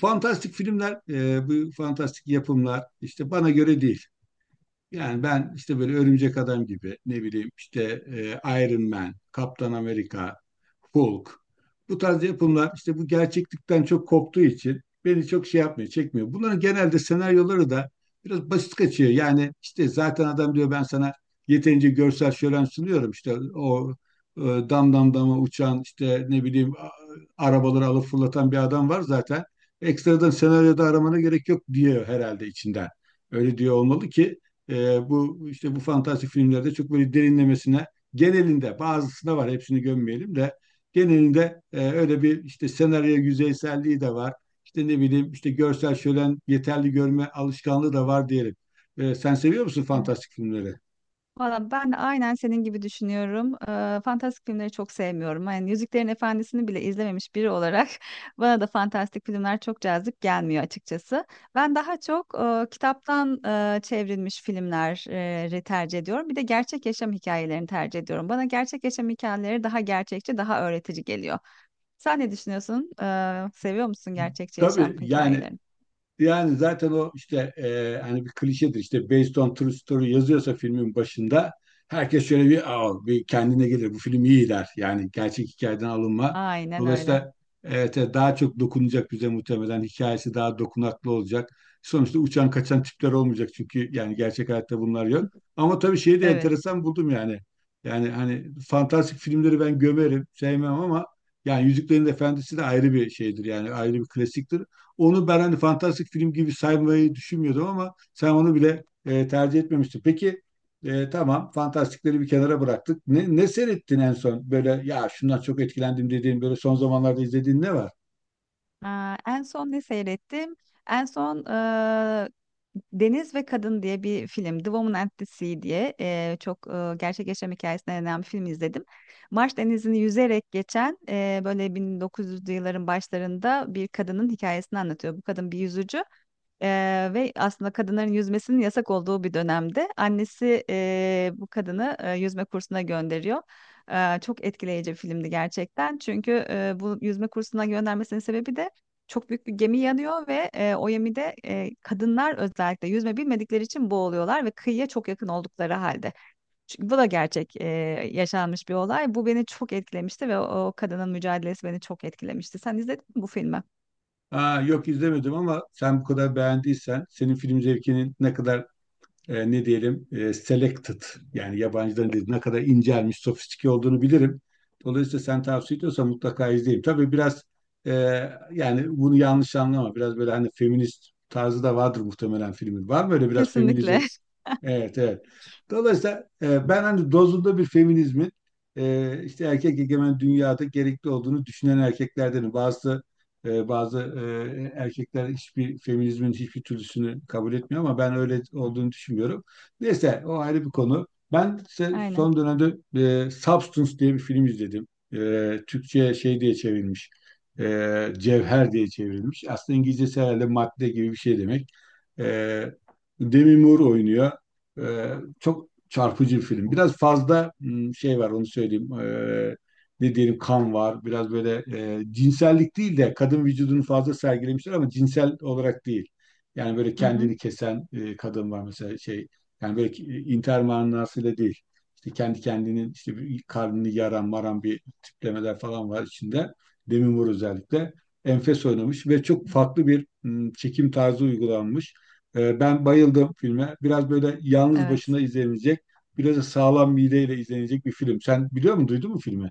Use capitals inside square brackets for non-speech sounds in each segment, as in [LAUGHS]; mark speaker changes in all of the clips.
Speaker 1: Fantastik filmler, bu fantastik yapımlar işte bana göre değil. Yani ben işte böyle Örümcek Adam gibi ne bileyim işte Iron Man, Kaptan Amerika, Hulk bu tarz yapımlar işte bu gerçeklikten çok koptuğu için beni çok şey yapmıyor, çekmiyor. Bunların genelde senaryoları da biraz basit kaçıyor. Yani işte zaten adam diyor ben sana yeterince görsel şölen sunuyorum işte o dam dam dama uçan işte ne bileyim arabaları alıp fırlatan bir adam var zaten. Ekstradan senaryoda aramana gerek yok diyor herhalde içinden. Öyle diyor olmalı ki bu işte bu fantastik filmlerde çok böyle derinlemesine genelinde bazısında var, hepsini gömmeyelim de genelinde öyle bir işte senaryo yüzeyselliği de var. İşte ne bileyim işte görsel şölen yeterli, görme alışkanlığı da var diyelim. Sen seviyor musun
Speaker 2: Evet.
Speaker 1: fantastik filmleri?
Speaker 2: Valla ben de aynen senin gibi düşünüyorum. Fantastik filmleri çok sevmiyorum. Yani Yüzüklerin Efendisi'ni bile izlememiş biri olarak [LAUGHS] bana da fantastik filmler çok cazip gelmiyor açıkçası. Ben daha çok kitaptan çevrilmiş filmleri tercih ediyorum. Bir de gerçek yaşam hikayelerini tercih ediyorum. Bana gerçek yaşam hikayeleri daha gerçekçi, daha öğretici geliyor. Sen ne düşünüyorsun? Seviyor musun gerçekçi yaşam
Speaker 1: Tabii yani.
Speaker 2: hikayelerini?
Speaker 1: Yani zaten o işte hani bir klişedir işte based on true story yazıyorsa filmin başında herkes şöyle bir, aa, bir kendine gelir, bu film iyi der. Yani gerçek hikayeden alınma.
Speaker 2: Aynen öyle.
Speaker 1: Dolayısıyla evet, evet, daha çok dokunacak bize, muhtemelen hikayesi daha dokunaklı olacak. Sonuçta uçan kaçan tipler olmayacak çünkü yani gerçek hayatta bunlar yok. Ama tabii şeyi de
Speaker 2: Evet.
Speaker 1: enteresan buldum yani. Yani hani fantastik filmleri ben gömerim, sevmem ama yani Yüzüklerin Efendisi de ayrı bir şeydir, yani ayrı bir klasiktir. Onu ben hani fantastik film gibi saymayı düşünmüyordum ama sen onu bile tercih etmemiştin. Peki tamam, fantastikleri bir kenara bıraktık. Ne seyrettin en son? Böyle ya şundan çok etkilendim dediğin, böyle son zamanlarda izlediğin ne var?
Speaker 2: Aa, en son ne seyrettim? En son Deniz ve Kadın diye bir film. The Woman and the Sea diye çok gerçek yaşam hikayesine dayanan bir film izledim. Marş Denizi'ni yüzerek geçen böyle 1900'lü yılların başlarında bir kadının hikayesini anlatıyor. Bu kadın bir yüzücü. Ve aslında kadınların yüzmesinin yasak olduğu bir dönemde annesi bu kadını yüzme kursuna gönderiyor. Çok etkileyici bir filmdi gerçekten. Çünkü bu yüzme kursuna göndermesinin sebebi de çok büyük bir gemi yanıyor ve o gemide kadınlar özellikle yüzme bilmedikleri için boğuluyorlar ve kıyıya çok yakın oldukları halde. Çünkü bu da gerçek yaşanmış bir olay. Bu beni çok etkilemişti ve o kadının mücadelesi beni çok etkilemişti. Sen izledin mi bu filmi?
Speaker 1: Aa, yok izlemedim ama sen bu kadar beğendiysen, senin film zevkinin ne kadar ne diyelim, selected yani yabancıların dediği, ne kadar incelmiş, sofistike olduğunu bilirim. Dolayısıyla sen tavsiye ediyorsan mutlaka izleyeyim. Tabii biraz e, yani bunu yanlış anlama. Biraz böyle hani feminist tarzı da vardır muhtemelen filmin. Var mı öyle biraz
Speaker 2: Kesinlikle.
Speaker 1: feminizm?
Speaker 2: [LAUGHS]
Speaker 1: Evet, evet. Dolayısıyla ben hani dozunda bir feminizmin işte erkek egemen dünyada gerekli olduğunu düşünen erkeklerdenim. Bazı erkekler hiçbir feminizmin hiçbir türlüsünü kabul etmiyor ama ben öyle olduğunu düşünmüyorum. Neyse, o ayrı bir konu. Ben ise
Speaker 2: Aynen.
Speaker 1: son dönemde Substance diye bir film izledim. Türkçe'ye şey diye çevrilmiş. Cevher diye çevrilmiş. Aslında İngilizcesi herhalde madde gibi bir şey demek. E, Demi Moore oynuyor. Ee, Çok çarpıcı bir film. Biraz fazla şey var, onu söyleyeyim. Ne diyelim, kan var. Biraz böyle cinsellik değil de kadın vücudunu fazla sergilemişler ama cinsel olarak değil. Yani böyle
Speaker 2: Hı hı,
Speaker 1: kendini kesen kadın var mesela, şey. Yani böyle intihar manasıyla değil. İşte kendi kendinin işte bir karnını yaran maran bir tiplemeler falan var içinde. Demi Moore özellikle. Enfes oynamış ve çok farklı bir çekim tarzı uygulanmış. Ben bayıldım filme. Biraz böyle yalnız
Speaker 2: evet.
Speaker 1: başına izlenecek, biraz da sağlam mideyle izlenecek bir film. Sen biliyor musun, duydun mu filmi?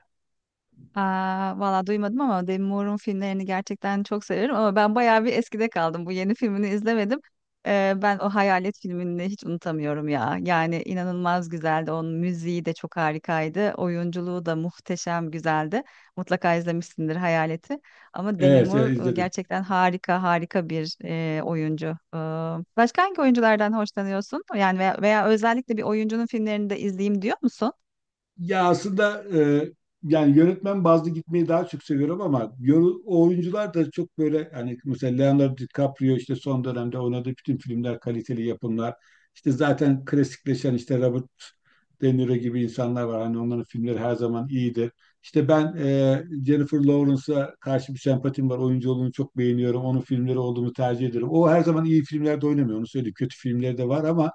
Speaker 2: Aa, valla duymadım ama Demi Moore'un filmlerini gerçekten çok severim ama ben bayağı bir eskide kaldım. Bu yeni filmini izlemedim. Ben o Hayalet filmini hiç unutamıyorum ya. Yani inanılmaz güzeldi. Onun müziği de çok harikaydı. Oyunculuğu da muhteşem güzeldi. Mutlaka izlemişsindir Hayalet'i. Ama Demi
Speaker 1: Evet,
Speaker 2: Moore
Speaker 1: izledim.
Speaker 2: gerçekten harika harika bir oyuncu. Ee, Başka hangi oyunculardan hoşlanıyorsun? Yani veya özellikle bir oyuncunun filmlerini de izleyeyim diyor musun?
Speaker 1: Ya aslında e, yani yönetmen bazlı gitmeyi daha çok seviyorum ama o oyuncular da çok böyle, hani mesela Leonardo DiCaprio işte son dönemde oynadığı bütün filmler kaliteli yapımlar. İşte zaten klasikleşen işte Robert De Niro gibi insanlar var. Hani onların filmleri her zaman iyidir. İşte ben Jennifer Lawrence'a karşı bir sempatim var. Oyunculuğunu çok beğeniyorum. Onun filmleri olduğunu tercih ederim. O her zaman iyi filmlerde oynamıyor, onu söyleyeyim. Kötü filmleri de var ama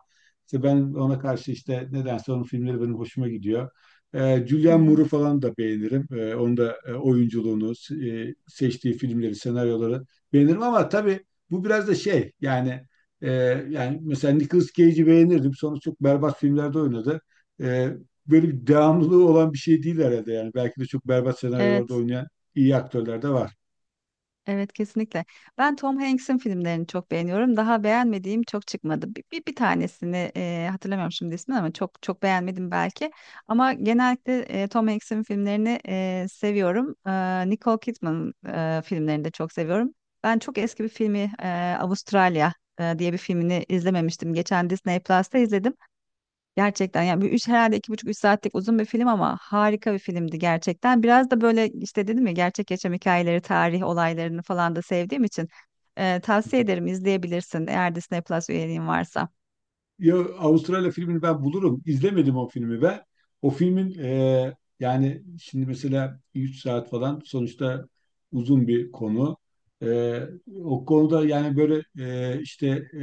Speaker 1: işte ben ona karşı işte nedense onun filmleri benim hoşuma gidiyor.
Speaker 2: Hı
Speaker 1: Julianne
Speaker 2: hı.
Speaker 1: Moore'u falan da beğenirim. Onun da oyunculuğunu, seçtiği filmleri, senaryoları beğenirim. Ama tabii bu biraz da şey yani e, yani mesela Nicolas Cage'i beğenirdim. Sonra çok berbat filmlerde oynadı. E, Böyle bir devamlılığı olan bir şey değil herhalde yani. Belki de çok berbat senaryolarda
Speaker 2: Evet.
Speaker 1: oynayan iyi aktörler de var.
Speaker 2: Evet kesinlikle. Ben Tom Hanks'in filmlerini çok beğeniyorum. Daha beğenmediğim çok çıkmadı. Bir tanesini hatırlamıyorum şimdi ismini ama çok çok beğenmedim belki. Ama genellikle Tom Hanks'in filmlerini seviyorum. Nicole Kidman filmlerini de çok seviyorum. Ben çok eski bir filmi Avustralya diye bir filmini izlememiştim. Geçen Disney Plus'ta izledim. Gerçekten yani bir üç herhalde iki buçuk üç saatlik uzun bir film ama harika bir filmdi gerçekten. Biraz da böyle işte dedim ya gerçek yaşam hikayeleri, tarih olaylarını falan da sevdiğim için tavsiye ederim izleyebilirsin eğer Disney Plus üyeliğin varsa.
Speaker 1: Ya Avustralya filmini ben bulurum. İzlemedim o filmi ve o filmin yani şimdi mesela 3 saat falan sonuçta uzun bir konu. E, O konuda yani böyle işte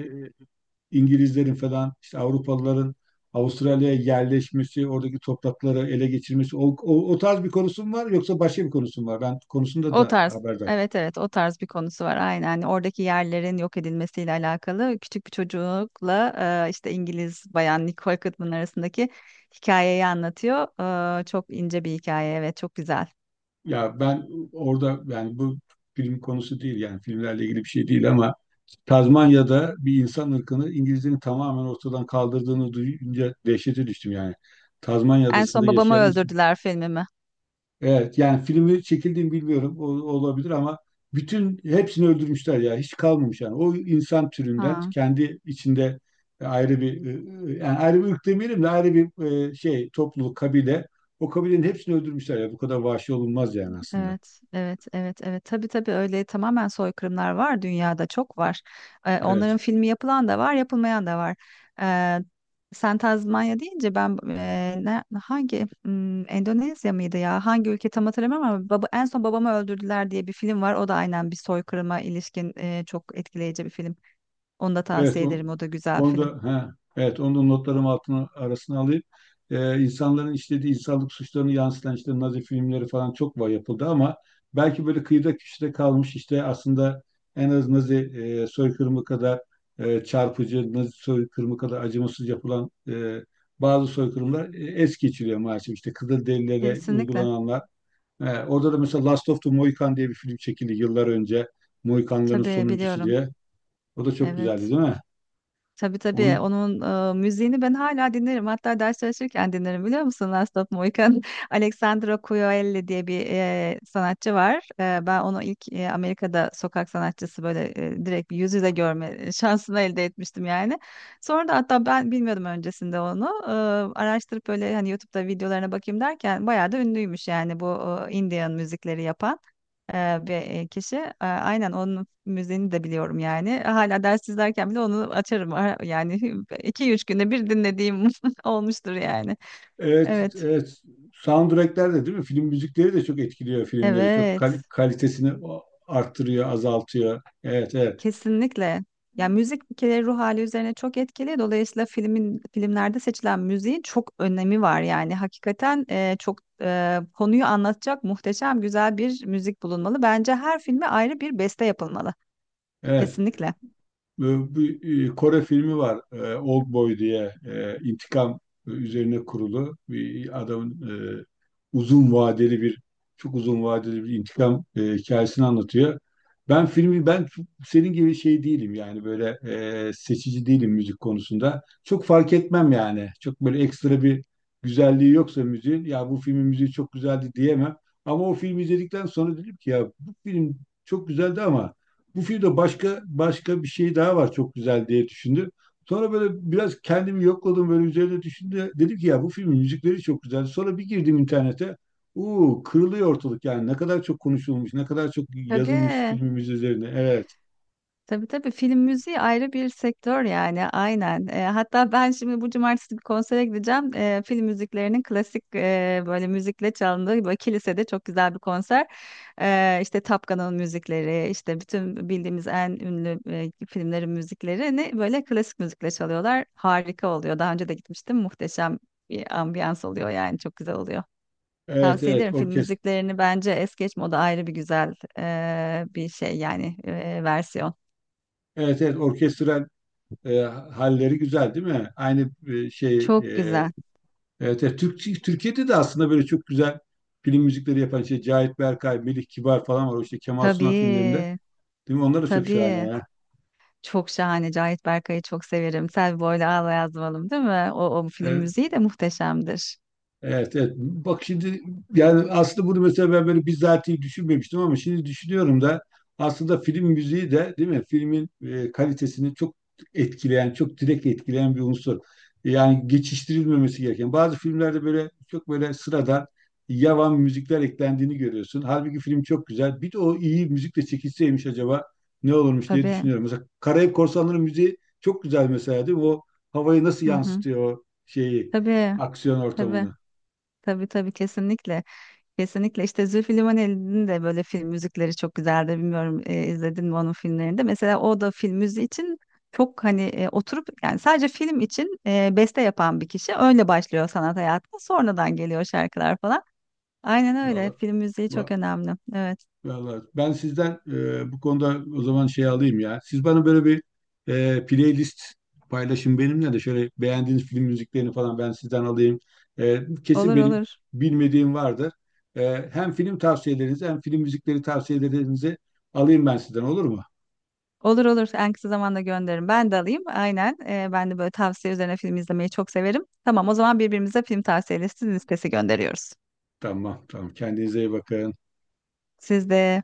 Speaker 1: İngilizlerin falan işte Avrupalıların Avustralya'ya yerleşmesi, oradaki toprakları ele geçirmesi, o tarz bir konusu mu var, yoksa başka bir konusu mu var? Ben konusunda
Speaker 2: O
Speaker 1: da
Speaker 2: tarz.
Speaker 1: haberdar.
Speaker 2: Evet evet o tarz bir konusu var aynen. Hani oradaki yerlerin yok edilmesiyle alakalı küçük bir çocukla işte İngiliz bayan Nicole Kidman arasındaki hikayeyi anlatıyor. Çok ince bir hikaye evet çok güzel.
Speaker 1: Ya ben orada, yani bu film konusu değil, yani filmlerle ilgili bir şey değil ama Tazmanya'da bir insan ırkını İngilizlerin tamamen ortadan kaldırdığını duyunca dehşete düştüm yani. Tazmanya
Speaker 2: En
Speaker 1: adasında
Speaker 2: son babamı
Speaker 1: yaşayan insan.
Speaker 2: öldürdüler filmimi.
Speaker 1: Evet yani filmi çekildiğini bilmiyorum, o olabilir ama bütün hepsini öldürmüşler ya, hiç kalmamış yani. O insan türünden
Speaker 2: Ha.
Speaker 1: kendi içinde ayrı bir yani ayrı bir ırk demeyelim de, ayrı bir şey, topluluk, kabile, o kabilenin hepsini öldürmüşler ya, bu kadar vahşi olunmaz yani aslında.
Speaker 2: Evet, evet, evet, evet. Tabii tabii öyle tamamen soykırımlar var dünyada çok var. Onların
Speaker 1: Evet.
Speaker 2: filmi yapılan da var, yapılmayan da var. Ee, Sen Tazmanya deyince ben Endonezya mıydı ya? Hangi ülke tam hatırlamıyorum ama en son babamı öldürdüler diye bir film var. O da aynen bir soykırıma ilişkin çok etkileyici bir film. Onu da
Speaker 1: Evet,
Speaker 2: tavsiye ederim. O da güzel bir
Speaker 1: onu
Speaker 2: film.
Speaker 1: da, ha, evet, onu da notlarım altına arasına alayım. İnsanların işlediği insanlık suçlarını yansıtan işte Nazi filmleri falan çok var, yapıldı ama belki böyle kıyıda köşede kalmış, işte aslında en az Nazi soykırımı kadar çarpıcı, Nazi soykırımı kadar acımasız yapılan bazı soykırımlar es geçiliyor maalesef. İşte Kızılderililere
Speaker 2: Kesinlikle.
Speaker 1: uygulananlar. Orada da mesela Last of the Mohican diye bir film çekildi yıllar önce. Mohikanların
Speaker 2: Tabii
Speaker 1: sonuncusu
Speaker 2: biliyorum.
Speaker 1: diye. O da çok güzeldi, değil
Speaker 2: Evet.
Speaker 1: mi?
Speaker 2: Tabii tabii.
Speaker 1: Onun.
Speaker 2: Onun müziğini ben hala dinlerim. Hatta ders çalışırken dinlerim biliyor musun? Last of Mohican. [LAUGHS] Alexandra Coyoelli diye bir sanatçı var. Ben onu ilk Amerika'da sokak sanatçısı böyle direkt bir yüz yüze görme [LAUGHS] şansını elde etmiştim yani. Sonra da hatta ben bilmiyordum öncesinde onu. Araştırıp böyle hani YouTube'da videolarına bakayım derken bayağı da ünlüymüş yani bu Indian müzikleri yapan bir kişi. Aynen onun müziğini de biliyorum yani. Hala ders izlerken bile onu açarım. Yani [LAUGHS] iki üç günde bir dinlediğim [LAUGHS] olmuştur yani.
Speaker 1: Evet,
Speaker 2: Evet.
Speaker 1: evet, soundtrackler de değil mi? Film müzikleri de çok etkiliyor filmleri. Çok
Speaker 2: Evet.
Speaker 1: kalitesini arttırıyor, azaltıyor. Evet, evet.
Speaker 2: Kesinlikle. Ya müzik bir kere ruh hali üzerine çok etkili. Dolayısıyla filmlerde seçilen müziğin çok önemi var. Yani hakikaten çok konuyu anlatacak muhteşem güzel bir müzik bulunmalı. Bence her filme ayrı bir beste yapılmalı.
Speaker 1: Evet.
Speaker 2: Kesinlikle.
Speaker 1: e, Bir Kore filmi var. Old Boy diye, intikam üzerine kurulu bir adamın e, uzun vadeli bir çok uzun vadeli bir intikam hikayesini anlatıyor. Ben senin gibi şey değilim, yani böyle seçici değilim müzik konusunda. Çok fark etmem yani. Çok böyle ekstra bir güzelliği yoksa müziğin, ya bu filmin müziği çok güzeldi diyemem. Ama o filmi izledikten sonra dedim ki ya bu film çok güzeldi ama bu filmde başka başka bir şey daha var, çok güzel diye düşündüm. Sonra böyle biraz kendimi yokladım, böyle üzerine düşündüm. Dedim ki ya bu filmin müzikleri çok güzel. Sonra bir girdim internete. Uuu, kırılıyor ortalık yani, ne kadar çok konuşulmuş, ne kadar çok yazılmış
Speaker 2: Tabii.
Speaker 1: filmimiz üzerine. Evet,
Speaker 2: Tabii tabii film müziği ayrı bir sektör yani aynen. Hatta ben şimdi bu cumartesi bir konsere gideceğim. Film müziklerinin klasik böyle müzikle çalındığı böyle kilisede çok güzel bir konser. İşte Top Gun'ın müzikleri, işte bütün bildiğimiz en ünlü filmlerin müziklerini böyle klasik müzikle çalıyorlar. Harika oluyor. Daha önce de gitmiştim. Muhteşem bir ambiyans oluyor yani çok güzel oluyor.
Speaker 1: evet,
Speaker 2: Tavsiye
Speaker 1: evet,
Speaker 2: ederim film müziklerini bence es geçme o da ayrı bir güzel bir şey yani versiyon.
Speaker 1: evet, evet, orkestral halleri güzel değil mi? Aynı şey,
Speaker 2: Çok güzel.
Speaker 1: evet, evet, Türkiye'de de aslında böyle çok güzel film müzikleri yapan şey Cahit Berkay, Melih Kibar falan var. O işte Kemal Sunal filmlerinde.
Speaker 2: Tabii,
Speaker 1: Değil mi? Onlar da çok şahane
Speaker 2: tabii.
Speaker 1: ya.
Speaker 2: Çok şahane. Cahit Berkay'ı çok severim. Selvi Boylu Ağla Yazmalım değil mi? O film
Speaker 1: Evet.
Speaker 2: müziği de muhteşemdir.
Speaker 1: Evet, evet. Bak şimdi, yani aslında bunu mesela ben böyle bizatihi düşünmemiştim ama şimdi düşünüyorum da, aslında film müziği de değil mi? Filmin kalitesini çok etkileyen, çok direkt etkileyen bir unsur. Yani geçiştirilmemesi gereken. Bazı filmlerde böyle çok böyle sıradan yavan müzikler eklendiğini görüyorsun. Halbuki film çok güzel. Bir de o iyi müzikle çekilseymiş acaba ne olurmuş diye
Speaker 2: Tabii.
Speaker 1: düşünüyorum. Mesela Karayip Korsanları müziği çok güzel mesela değil mi? O havayı nasıl
Speaker 2: Hı hı.
Speaker 1: yansıtıyor, o şeyi,
Speaker 2: Tabii,
Speaker 1: aksiyon
Speaker 2: tabii.
Speaker 1: ortamını.
Speaker 2: Tabii tabii kesinlikle. Kesinlikle işte Zülfü Livaneli'nin de böyle film müzikleri çok güzeldi. Bilmiyorum izledin mi onun filmlerinde. Mesela o da film müziği için çok hani oturup yani sadece film için beste yapan bir kişi. Öyle başlıyor sanat hayatına. Sonradan geliyor şarkılar falan. Aynen öyle.
Speaker 1: Vallahi,
Speaker 2: Film müziği çok
Speaker 1: va-
Speaker 2: önemli. Evet.
Speaker 1: vallahi ben sizden bu konuda o zaman şey alayım ya. Siz bana böyle bir playlist paylaşın benimle de, şöyle beğendiğiniz film müziklerini falan ben sizden alayım. Kesin
Speaker 2: Olur
Speaker 1: benim
Speaker 2: olur.
Speaker 1: bilmediğim vardır. Hem film tavsiyelerinizi hem film müzikleri tavsiyelerinizi alayım ben sizden, olur mu?
Speaker 2: Olur olur. En kısa zamanda gönderirim. Ben de alayım. Aynen. Ben de böyle tavsiye üzerine film izlemeyi çok severim. Tamam, o zaman birbirimize film tavsiye listesi gönderiyoruz.
Speaker 1: Tamam, tamam, kendinize iyi bakın.
Speaker 2: Siz de